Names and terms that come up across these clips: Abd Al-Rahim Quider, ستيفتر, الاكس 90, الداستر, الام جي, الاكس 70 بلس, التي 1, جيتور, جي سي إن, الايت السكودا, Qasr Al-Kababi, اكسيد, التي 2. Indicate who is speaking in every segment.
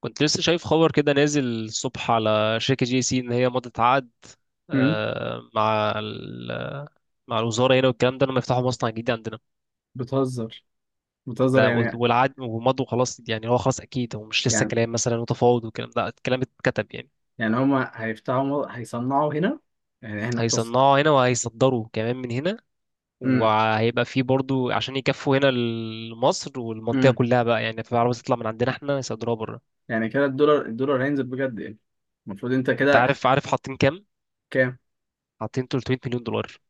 Speaker 1: كنت لسه شايف خبر كده نازل الصبح على شركة جي سي، إن هي مضت عقد
Speaker 2: امم
Speaker 1: آه، مع ال- مع الوزارة هنا والكلام ده، لما يفتحوا مصنع جديد عندنا.
Speaker 2: بتهزر، بتهزر
Speaker 1: ده والعقد ومضوا خلاص، يعني هو خلاص أكيد، هو مش لسه
Speaker 2: يعني
Speaker 1: كلام مثلا وتفاوض والكلام ده، الكلام اتكتب يعني.
Speaker 2: يعني هما هيفتحوا، هيصنعوا هنا. يعني احنا التص.
Speaker 1: هيصنعوا هنا وهيصدروا كمان من هنا،
Speaker 2: امم
Speaker 1: وهيبقى فيه برضو عشان يكفوا هنا مصر والمنطقة
Speaker 2: امم
Speaker 1: كلها بقى. يعني في عربية تطلع من عندنا احنا يصدروها بره.
Speaker 2: يعني كده الدولار هينزل بجد يعني. المفروض انت
Speaker 1: انت
Speaker 2: كده.
Speaker 1: عارف حاطين كام؟
Speaker 2: كام؟
Speaker 1: حاطين 300 مليون دولار،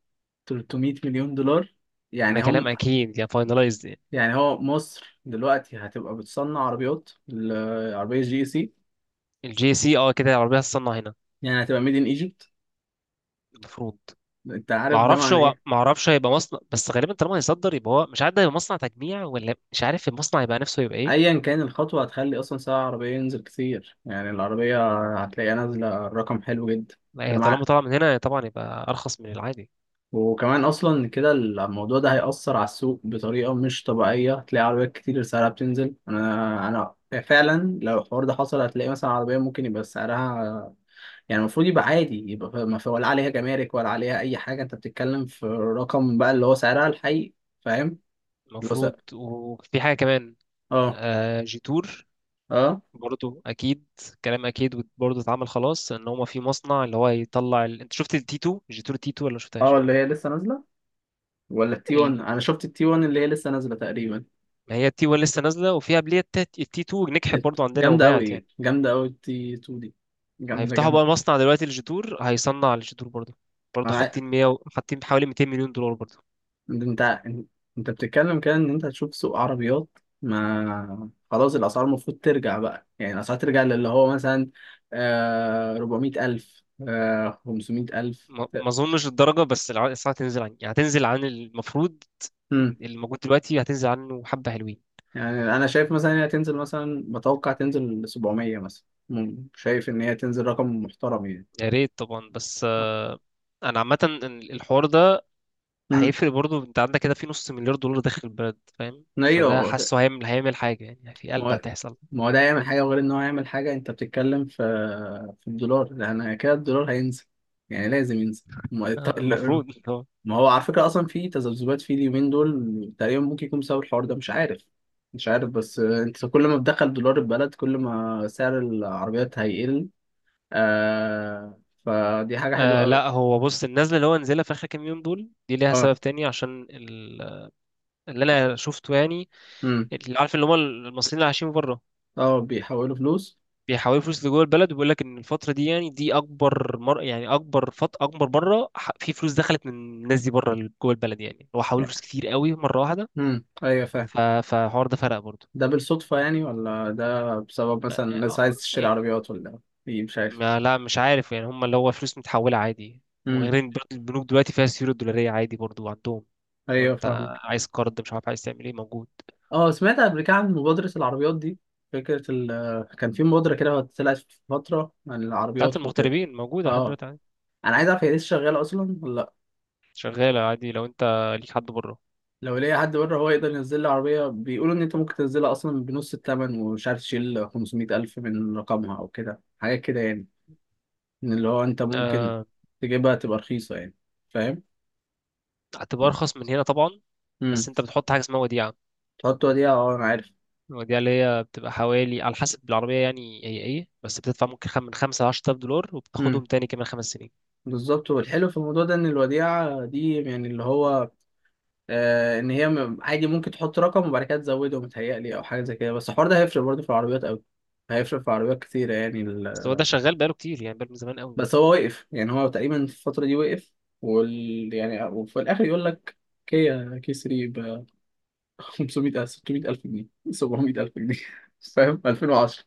Speaker 2: 300 مليون دولار.
Speaker 1: ده
Speaker 2: يعني
Speaker 1: كلام
Speaker 2: هم
Speaker 1: اكيد يعني فاينلايزد.
Speaker 2: يعني هو مصر دلوقتي هتبقى بتصنع عربيات، العربية جي سي.
Speaker 1: الجي سي، اه كده العربية هتصنع هنا
Speaker 2: يعني هتبقى ميد ان ايجيبت.
Speaker 1: المفروض.
Speaker 2: انت
Speaker 1: ما
Speaker 2: عارف ده
Speaker 1: اعرفش
Speaker 2: معنى
Speaker 1: هو
Speaker 2: ايه؟
Speaker 1: ما اعرفش هيبقى مصنع بس غالبا طالما هيصدر يبقى، هو مش عارف ده هيبقى مصنع تجميع ولا مش عارف المصنع يبقى نفسه يبقى ايه.
Speaker 2: ايا كان الخطوة هتخلي اصلا سعر العربية ينزل كتير، يعني العربية هتلاقيها نازلة رقم حلو جدا. ده
Speaker 1: طالما
Speaker 2: مع
Speaker 1: طالع من هنا طبعا يبقى ارخص من العادي
Speaker 2: وكمان اصلا كده الموضوع ده هيأثر على السوق بطريقه مش طبيعيه، هتلاقي عربيات كتير سعرها بتنزل. انا فعلا لو الحوار ده حصل هتلاقي مثلا عربيه ممكن يبقى سعرها، يعني المفروض يبقى عادي، يبقى ما في ولا عليها جمارك ولا عليها اي حاجه، انت بتتكلم في رقم بقى اللي هو سعرها الحقيقي. فاهم؟ اللي هو سعر.
Speaker 1: المفروض. وفي حاجة كمان
Speaker 2: اه.
Speaker 1: جيتور
Speaker 2: اه
Speaker 1: برضه اكيد. كلام اكيد برضه اتعمل خلاص، ان هما في مصنع اللي هو يطلع انت شفت التي 2 جيتور، تي 2 ولا ما
Speaker 2: اه
Speaker 1: شفتهاش؟
Speaker 2: اللي هي لسه نازله، ولا التي 1.
Speaker 1: ال...
Speaker 2: انا شفت التي 1 اللي هي لسه نازله تقريبا.
Speaker 1: ما هي التي 1 لسه نازله وفي قبليها. التي 2 نجحت برضه عندنا
Speaker 2: جامده
Speaker 1: وباعت يعني.
Speaker 2: قوي، جامده قوي التي 2 دي. جامده،
Speaker 1: هيفتحوا بقى
Speaker 2: جامده.
Speaker 1: مصنع دلوقتي للجدور، هيصنع الجدور برضه. برضه حاطين حاطين حوالي 200 مليون دولار برضه.
Speaker 2: انت انت انت بتتكلم كده ان انت هتشوف سوق عربيات. ما خلاص الاسعار المفروض ترجع بقى، يعني الاسعار ترجع للي هو مثلا آه 400 الف، آه 500 الف.
Speaker 1: ما اظنش الدرجه، بس الاسعار هتنزل عن يعني، هتنزل عن المفروض
Speaker 2: امم.
Speaker 1: اللي موجود دلوقتي، هتنزل عنه حبه حلوين.
Speaker 2: يعني انا شايف مثلا إن هي تنزل، مثلا بتوقع تنزل ل 700 مثلا. شايف ان هي تنزل رقم محترم يعني.
Speaker 1: يا ريت طبعا، بس انا عامه إن الحوار ده
Speaker 2: امم.
Speaker 1: هيفرق برضه. انت عندك كده في نص مليار دولار داخل البلد، فاهم؟ فده
Speaker 2: ايوه.
Speaker 1: حاسه هيعمل حاجه يعني، في
Speaker 2: ما
Speaker 1: قلب
Speaker 2: هو
Speaker 1: هتحصل.
Speaker 2: ما هو ده يعمل حاجه، غير ان هو يعمل حاجه، انت بتتكلم في في الدولار، لان كده الدولار هينزل، يعني لازم ينزل.
Speaker 1: المفروض
Speaker 2: ما هو على فكرة أصلا في تذبذبات في اليومين دول، تقريبا ممكن يكون بسبب الحوار ده، مش عارف. مش عارف بس، أنت كل ما بتدخل دولار البلد كل ما سعر العربيات هيقل. آه، فدي حاجة حلوة أوي.
Speaker 1: لا هو بص، النزله اللي هو نزلها في اخر كام يوم دول، دي ليها
Speaker 2: أه.
Speaker 1: سبب تاني عشان اللي انا شفته يعني،
Speaker 2: أمم.
Speaker 1: اللي عارف، اللي هم المصريين اللي عايشين بره
Speaker 2: أه، بيحولوا فلوس.
Speaker 1: بيحولوا فلوس لجوه البلد. وبيقول لك ان الفتره دي، يعني دي اكبر يعني اكبر اكبر مره، في فلوس دخلت من الناس دي بره جوه البلد، يعني هو حولوا فلوس كتير قوي مره واحده.
Speaker 2: أمم، أيوه، فاهم.
Speaker 1: فالحوار ده فرق برضه.
Speaker 2: ده بالصدفة يعني، ولا ده بسبب
Speaker 1: آه،
Speaker 2: مثلا الناس عايز تشتري
Speaker 1: آه،
Speaker 2: عربيات، ولا إيه؟ مش عارف.
Speaker 1: ما لا مش عارف يعني، هم اللي هو فلوس متحوله عادي.
Speaker 2: أمم.
Speaker 1: وغير ان برضه البنوك دلوقتي فيها السيوله الدولاريه عادي برضه عندهم. لو
Speaker 2: أيوه،
Speaker 1: انت
Speaker 2: فاهم.
Speaker 1: عايز قرض، مش عارف عايز تعمل ايه، موجود.
Speaker 2: اه، سمعت قبل كده عن مبادرة العربيات دي. فكرة ال. كان في مبادرة كده طلعت في فترة عن
Speaker 1: بتاعت
Speaker 2: العربيات وكده.
Speaker 1: المغتربين موجوده لحد
Speaker 2: اه.
Speaker 1: دلوقتي عادي.
Speaker 2: انا عايز اعرف هي لسه شغالة اصلا ولا لا.
Speaker 1: شغاله عادي لو انت ليك حد بره.
Speaker 2: لو ليا حد بره هو يقدر ينزل لي عربية، بيقولوا ان انت ممكن تنزلها اصلا بنص الثمن، ومش عارف تشيل 500 الف من رقمها او كده حاجات كده يعني، ان اللي هو انت ممكن
Speaker 1: آه،
Speaker 2: تجيبها تبقى رخيصة يعني. فاهم.
Speaker 1: هتبقى ارخص من هنا طبعا،
Speaker 2: امم.
Speaker 1: بس انت بتحط حاجه اسمها وديعه.
Speaker 2: تحط وديعة، اه انا عارف.
Speaker 1: الوديعه اللي هي بتبقى حوالي، على حسب بالعربيه يعني هي ايه، بس بتدفع ممكن من 5 ل 10,000 دولار، وبتاخدهم
Speaker 2: امم،
Speaker 1: تاني كمان 5 سنين.
Speaker 2: بالظبط. والحلو في الموضوع ده ان الوديعة دي يعني اللي هو، ان هي عادي ممكن تحط رقم وبعد كده تزوده متهيألي، او حاجه زي كده. بس الحوار ده هيفرق برضه في العربيات قوي، هيفرق في عربيات كتيره يعني
Speaker 1: بس هو
Speaker 2: ال...
Speaker 1: ده شغال بقاله كتير، يعني بقاله من زمان قوي،
Speaker 2: بس هو وقف، يعني هو تقريبا في الفتره دي وقف. وال... يعني وفي الاخر يقول لك كيا كي 3 ب 500 ألف، 600 الف جنيه، 700 الف جنيه فاهم؟ 2010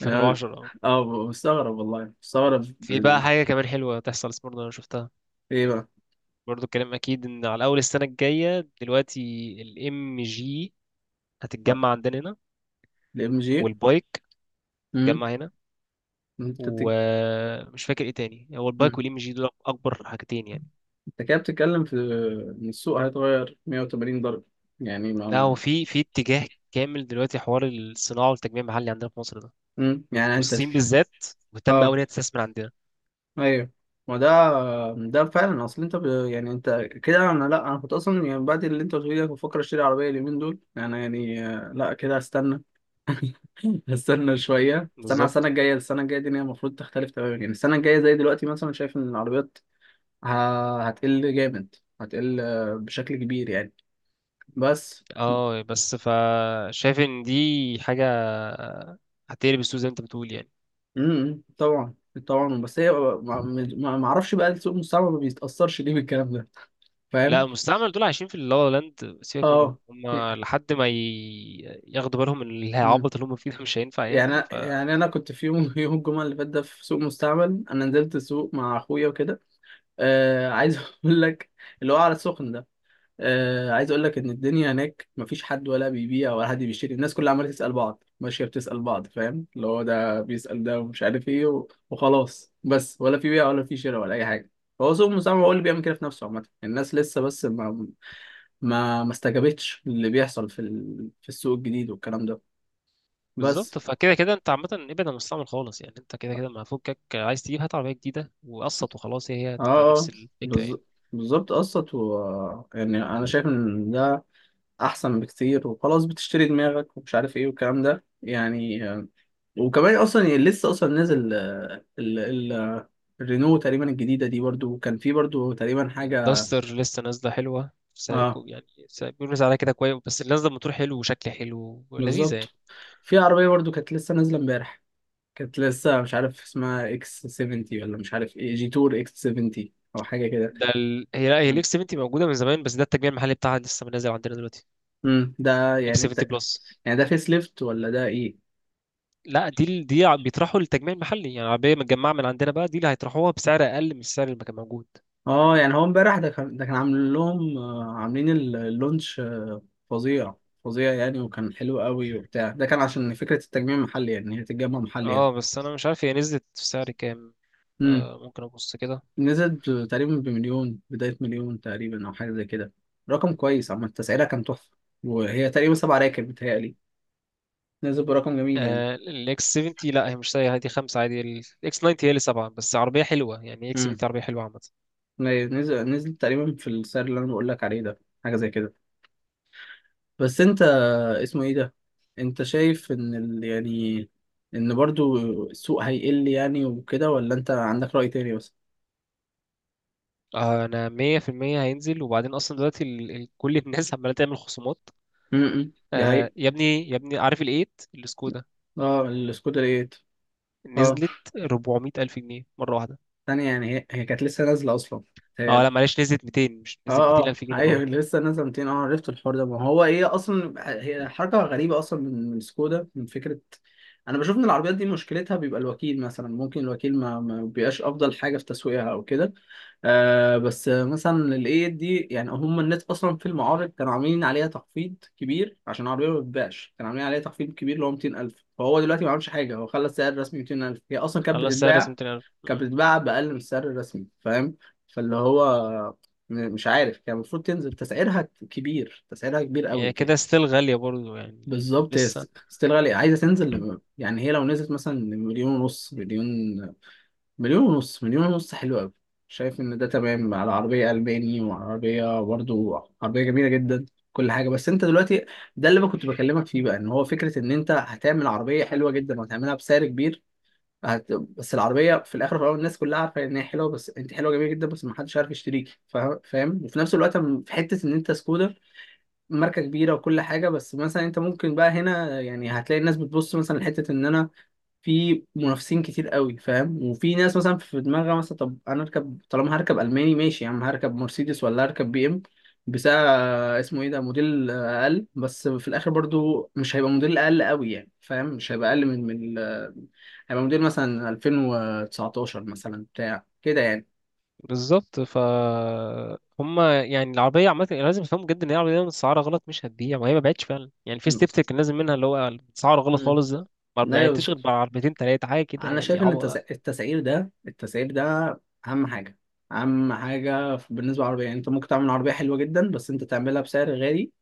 Speaker 2: يعني.
Speaker 1: اه.
Speaker 2: اه، مستغرب، والله مستغرب
Speaker 1: في بقى
Speaker 2: بال...
Speaker 1: حاجه كمان حلوه تحصل برضه انا شفتها.
Speaker 2: ايه بقى.
Speaker 1: برضه الكلام اكيد، ان على اول السنه الجايه دلوقتي الام جي هتتجمع عندنا هنا،
Speaker 2: الام جي.
Speaker 1: والبايك
Speaker 2: إمم.
Speaker 1: هتتجمع هنا.
Speaker 2: انت بتك...
Speaker 1: ومش فاكر ايه تاني، هو البايك والام جي دول اكبر حاجتين يعني.
Speaker 2: انت كده بتتكلم في ان السوق هيتغير 180 درجة يعني، ما
Speaker 1: لا هو
Speaker 2: ما.
Speaker 1: في في اتجاه كامل دلوقتي، حوار الصناعه والتجميع المحلي عندنا في مصر ده.
Speaker 2: يعني انت
Speaker 1: والصين
Speaker 2: تك...
Speaker 1: بالذات مهتمه قوي
Speaker 2: اه،
Speaker 1: ان هي تستثمر عندنا.
Speaker 2: ايوه. ما ده. ده فعلا اصل انت ب... يعني انت كده. انا لا، انا كنت اصلا يعني بعد اللي انت قلت لي ده كنت بفكر اشتري عربية اليومين دول، انا يعني آه، لا كده هستنى. هستنى
Speaker 1: مم.
Speaker 2: شوية، استنى على السنة
Speaker 1: بالظبط.
Speaker 2: الجاية. السنة الجاية دي إن هي المفروض تختلف تماما، يعني السنة الجاية زي دلوقتي مثلا، شايف ان العربيات ه... هتقل جامد، هتقل آه، بشكل كبير يعني. بس.
Speaker 1: اه بس فشايف ان دي حاجه هتقلب السوق زي ما انت بتقول يعني.
Speaker 2: امم، طبعا. طبعا. بس هي ما اعرفش بقى، السوق المستعمر ما بيتاثرش ليه بالكلام ده.
Speaker 1: لا
Speaker 2: فاهم.
Speaker 1: المستعمل دول عايشين في اللا لا لاند، سيبك
Speaker 2: اه.
Speaker 1: منهم، هم لحد ما ياخدوا بالهم ان
Speaker 2: امم.
Speaker 1: العبط اللي هم فيه ده مش هينفع
Speaker 2: يعني
Speaker 1: يعني.
Speaker 2: يعني انا كنت في يوم يوم الجمعه اللي فات ده، في سوق مستعمل انا نزلت السوق مع اخويا وكده. آه، عايز اقول لك اللي هو على السخن ده. آه، عايز اقول لك ان الدنيا هناك مفيش حد ولا بيبيع ولا حد بيشتري، الناس كلها عماله تسال بعض، ماشيه بتسال بعض فاهم، اللي هو ده بيسال ده، ومش عارف ايه وخلاص بس، ولا في بيع ولا في شراء ولا اي حاجه. هو سوق المساهمه هو اللي بيعمل كده في نفسه، عامه الناس لسه بس ما استجابتش اللي بيحصل في ال... في السوق الجديد والكلام ده. بس.
Speaker 1: فبالظبط، فكده كده انت عامه ابعد عن المستعمل خالص يعني. انت كده كده ما فكك، عايز تجيب هات عربيه جديده وقسط وخلاص، هي
Speaker 2: اه.
Speaker 1: هتبقى نفس
Speaker 2: آه،
Speaker 1: الفكره
Speaker 2: بالظ-
Speaker 1: يعني.
Speaker 2: بالظبط قسط، و يعني انا شايف ان ده احسن بكتير، وخلاص بتشتري دماغك ومش عارف ايه والكلام ده يعني. وكمان اصلا يعني لسه اصلا نازل آه، ال الرينو تقريبا الجديده دي برضو، وكان في برضو تقريبا حاجه.
Speaker 1: الداستر لسه نازله حلوه، سعر
Speaker 2: اه،
Speaker 1: كو يعني بيقولوا سعرها كده كويس، بس اللي نازله موتور حلو وشكل حلو ولذيذه يعني.
Speaker 2: بالظبط. في عربيه برضو كانت لسه نازله امبارح، كانت لسه مش عارف اسمها اكس 70 ولا مش عارف ايه، جي تور اكس 70 او حاجه كده.
Speaker 1: هي لا، هي الاكس 70 موجوده من زمان، بس ده التجميع المحلي بتاعها لسه نازل عندنا دلوقتي.
Speaker 2: امم، ده
Speaker 1: اكس
Speaker 2: يعني
Speaker 1: 70
Speaker 2: ده.
Speaker 1: بلس.
Speaker 2: يعني ده فيس ليفت ولا ده ايه؟
Speaker 1: لا دي بيطرحوا للتجميع المحلي، يعني عربيه متجمعه من عندنا بقى، دي اللي هيطرحوها بسعر اقل من السعر اللي كان موجود.
Speaker 2: اه، يعني هو امبارح ده كان، ده كان عامل لهم آه، عاملين اللونش آه،
Speaker 1: مم.
Speaker 2: فظيع. فظيع يعني، وكان حلو قوي وبتاع، ده كان عشان فكره التجميع المحلي يعني هي تتجمع محلي هنا.
Speaker 1: اه بس انا مش عارف هي نزلت في سعر كام.
Speaker 2: امم.
Speaker 1: آه ممكن ابص كده.
Speaker 2: نزل تقريبا بمليون، بداية مليون تقريبا أو حاجة زي كده. رقم كويس عامة، التسعيرة كان تحفة. وهي تقريبا سبع راكب بتهيألي. نزل برقم جميل يعني.
Speaker 1: آه الاكس 70، لا هي مش سعر، هي دي خمسه عادي. الاكس 90 هي اللي سبعه، بس عربيه حلوه يعني. اكس
Speaker 2: امم.
Speaker 1: 70 عربيه حلوه عامه.
Speaker 2: نزل، نزل تقريبا في السعر اللي أنا بقول لك عليه ده، حاجة زي كده. بس أنت اسمه إيه ده؟ أنت شايف إن ال... يعني إن برضو السوق هيقل يعني وكده، ولا أنت عندك رأي تاني بس؟
Speaker 1: انا 100% هينزل، وبعدين اصلا دلوقتي كل الناس عماله تعمل خصومات.
Speaker 2: امم، دي
Speaker 1: آه
Speaker 2: حقيقة.
Speaker 1: يا ابني يا ابني، عارف الايت السكودا؟
Speaker 2: اه، السكودا ايه؟ اه،
Speaker 1: نزلت 400 الف جنيه مره واحده.
Speaker 2: تانية يعني هي... هي كانت لسه نازلة أصلا.
Speaker 1: اه لا معلش، نزلت 200، مش
Speaker 2: اه.
Speaker 1: نزلت 200
Speaker 2: اه
Speaker 1: الف جنيه مره
Speaker 2: ايوه
Speaker 1: واحده.
Speaker 2: لسه نازله 200. اه عرفت الحوار ده، ما هو ايه اصلا. هي حركه غريبه اصلا من من سكودا، من فكره. انا بشوف ان العربيات دي مشكلتها بيبقى الوكيل، مثلا ممكن الوكيل ما بيبقاش افضل حاجه في تسويقها او كده. آه، بس مثلا الايه دي يعني هم الناس اصلا في المعارض كانوا عاملين عليها تخفيض كبير عشان العربيه ما بتتباعش، كانوا عاملين عليها تخفيض كبير اللي هو 200,000، فهو دلوقتي ما عملش حاجه، هو خلى السعر الرسمي 200,000. هي اصلا كانت
Speaker 1: خلاص سعر رسمي
Speaker 2: بتتباع،
Speaker 1: 200 الف،
Speaker 2: كانت
Speaker 1: مم.
Speaker 2: بتتباع باقل من السعر الرسمي. فاهم. فاللي هو، مش عارف، كان المفروض تنزل تسعيرها كبير، تسعيرها كبير قوي
Speaker 1: يعني كده
Speaker 2: كده.
Speaker 1: ستيل غاليه برضو يعني.
Speaker 2: بالظبط. هي
Speaker 1: لسه.
Speaker 2: ستيل غالية، عايزة تنزل ل- يعني هي لو نزلت مثلا مليون ونص، مليون، مليون ونص، مليون ونص حلو قوي. شايف ان ده تمام على عربية ألماني، وعربية برضو عربية جميلة جدا كل حاجة. بس انت دلوقتي ده اللي انا كنت بكلمك فيه بقى، ان هو فكرة ان انت هتعمل عربية حلوة جدا وهتعملها بسعر كبير. بس العربيه في الاخر وفي الاول الناس كلها عارفه ان هي حلوه، بس انت حلوه جميله جدا، بس ما حدش عارف يشتريكي فاهم. وفي نفس الوقت، في حته ان انت سكوتر، ماركه كبيره وكل حاجه، بس مثلا انت ممكن بقى هنا يعني هتلاقي الناس بتبص مثلا لحته ان انا في منافسين كتير قوي فاهم. وفي ناس مثلا في دماغها مثلا طب انا اركب، طالما هركب الماني ماشي يا عم، هركب مرسيدس ولا هركب بي ام بسعر آه، اسمه ايه ده، موديل آه، اقل، بس في الاخر برضو مش هيبقى موديل اقل قوي يعني فاهم، مش هيبقى اقل من من آه، هيبقى موديل مثلا 2019 مثلا بتاع كده يعني.
Speaker 1: بالظبط، هم يعني العربيه عامه لازم يفهموا جدا ان هي العربيه متسعره غلط مش هتبيع، وهي ما بعتش فعلا يعني. في
Speaker 2: مم.
Speaker 1: ستيفتر كان لازم منها، اللي هو سعره غلط
Speaker 2: مم.
Speaker 1: خالص ده، ما
Speaker 2: لا
Speaker 1: بعتش غير
Speaker 2: يوصل.
Speaker 1: بعربيتين تلاته حاجه كده
Speaker 2: انا
Speaker 1: يعني.
Speaker 2: شايف ان التسعير ده، التسعير ده اهم حاجه، اهم حاجه بالنسبه للعربيه. يعني انت ممكن تعمل عربيه حلوه جدا، بس انت تعملها بسعر غالي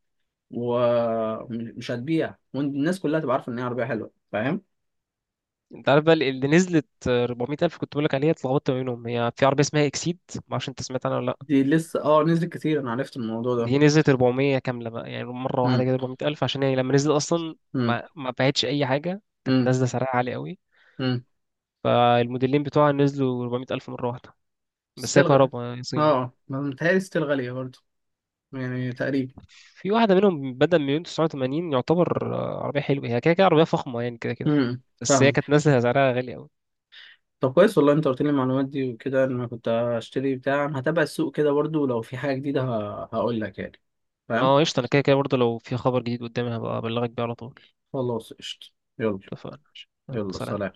Speaker 2: ومش هتبيع، والناس كلها تبقى عارفه ان هي عربيه حلوه فاهم.
Speaker 1: انت عارف بقى اللي نزلت 400 الف كنت بقول لك عليها؟ اتلخبطت ما بينهم، هي في عربيه اسمها اكسيد، ما اعرفش انت سمعت عنها ولا لا.
Speaker 2: دي لسه، اه نزلت كتير، انا عرفت الموضوع ده.
Speaker 1: دي نزلت 400 كامله بقى، يعني مره واحده
Speaker 2: امم
Speaker 1: كده 400 الف، عشان هي لما نزلت اصلا
Speaker 2: امم
Speaker 1: ما باعتش اي حاجه، كانت
Speaker 2: امم
Speaker 1: نازله سعرها عالي قوي.
Speaker 2: امم
Speaker 1: فالموديلين بتوعها نزلوا 400 الف مره واحده. بس
Speaker 2: ستيل
Speaker 1: هي
Speaker 2: غ...
Speaker 1: كهرباء يعني، صيني.
Speaker 2: اه، ما متهيألي ستيل غاليه برضه، يعني تقريبا.
Speaker 1: في واحده منهم بدأ من مليون 980، يعتبر عربيه حلوه، هي كده كده عربيه فخمه يعني، كده كده.
Speaker 2: امم،
Speaker 1: بس هي
Speaker 2: فاهم.
Speaker 1: كانت نازله سعرها غالي قوي.
Speaker 2: طب كويس والله انت قلت لي المعلومات دي وكده، ان انا كنت هشتري بتاع، أنا هتابع السوق كده برضه، ولو في حاجه جديده هقول لك يعني. فاهم.
Speaker 1: اه قشطه، انا كده كده برضه لو في خبر جديد قدامي هبقى ابلغك بيه على طول.
Speaker 2: خلاص قشطه. يلا.
Speaker 1: اتفقنا. يلا،
Speaker 2: يلا
Speaker 1: سلام.
Speaker 2: سلام.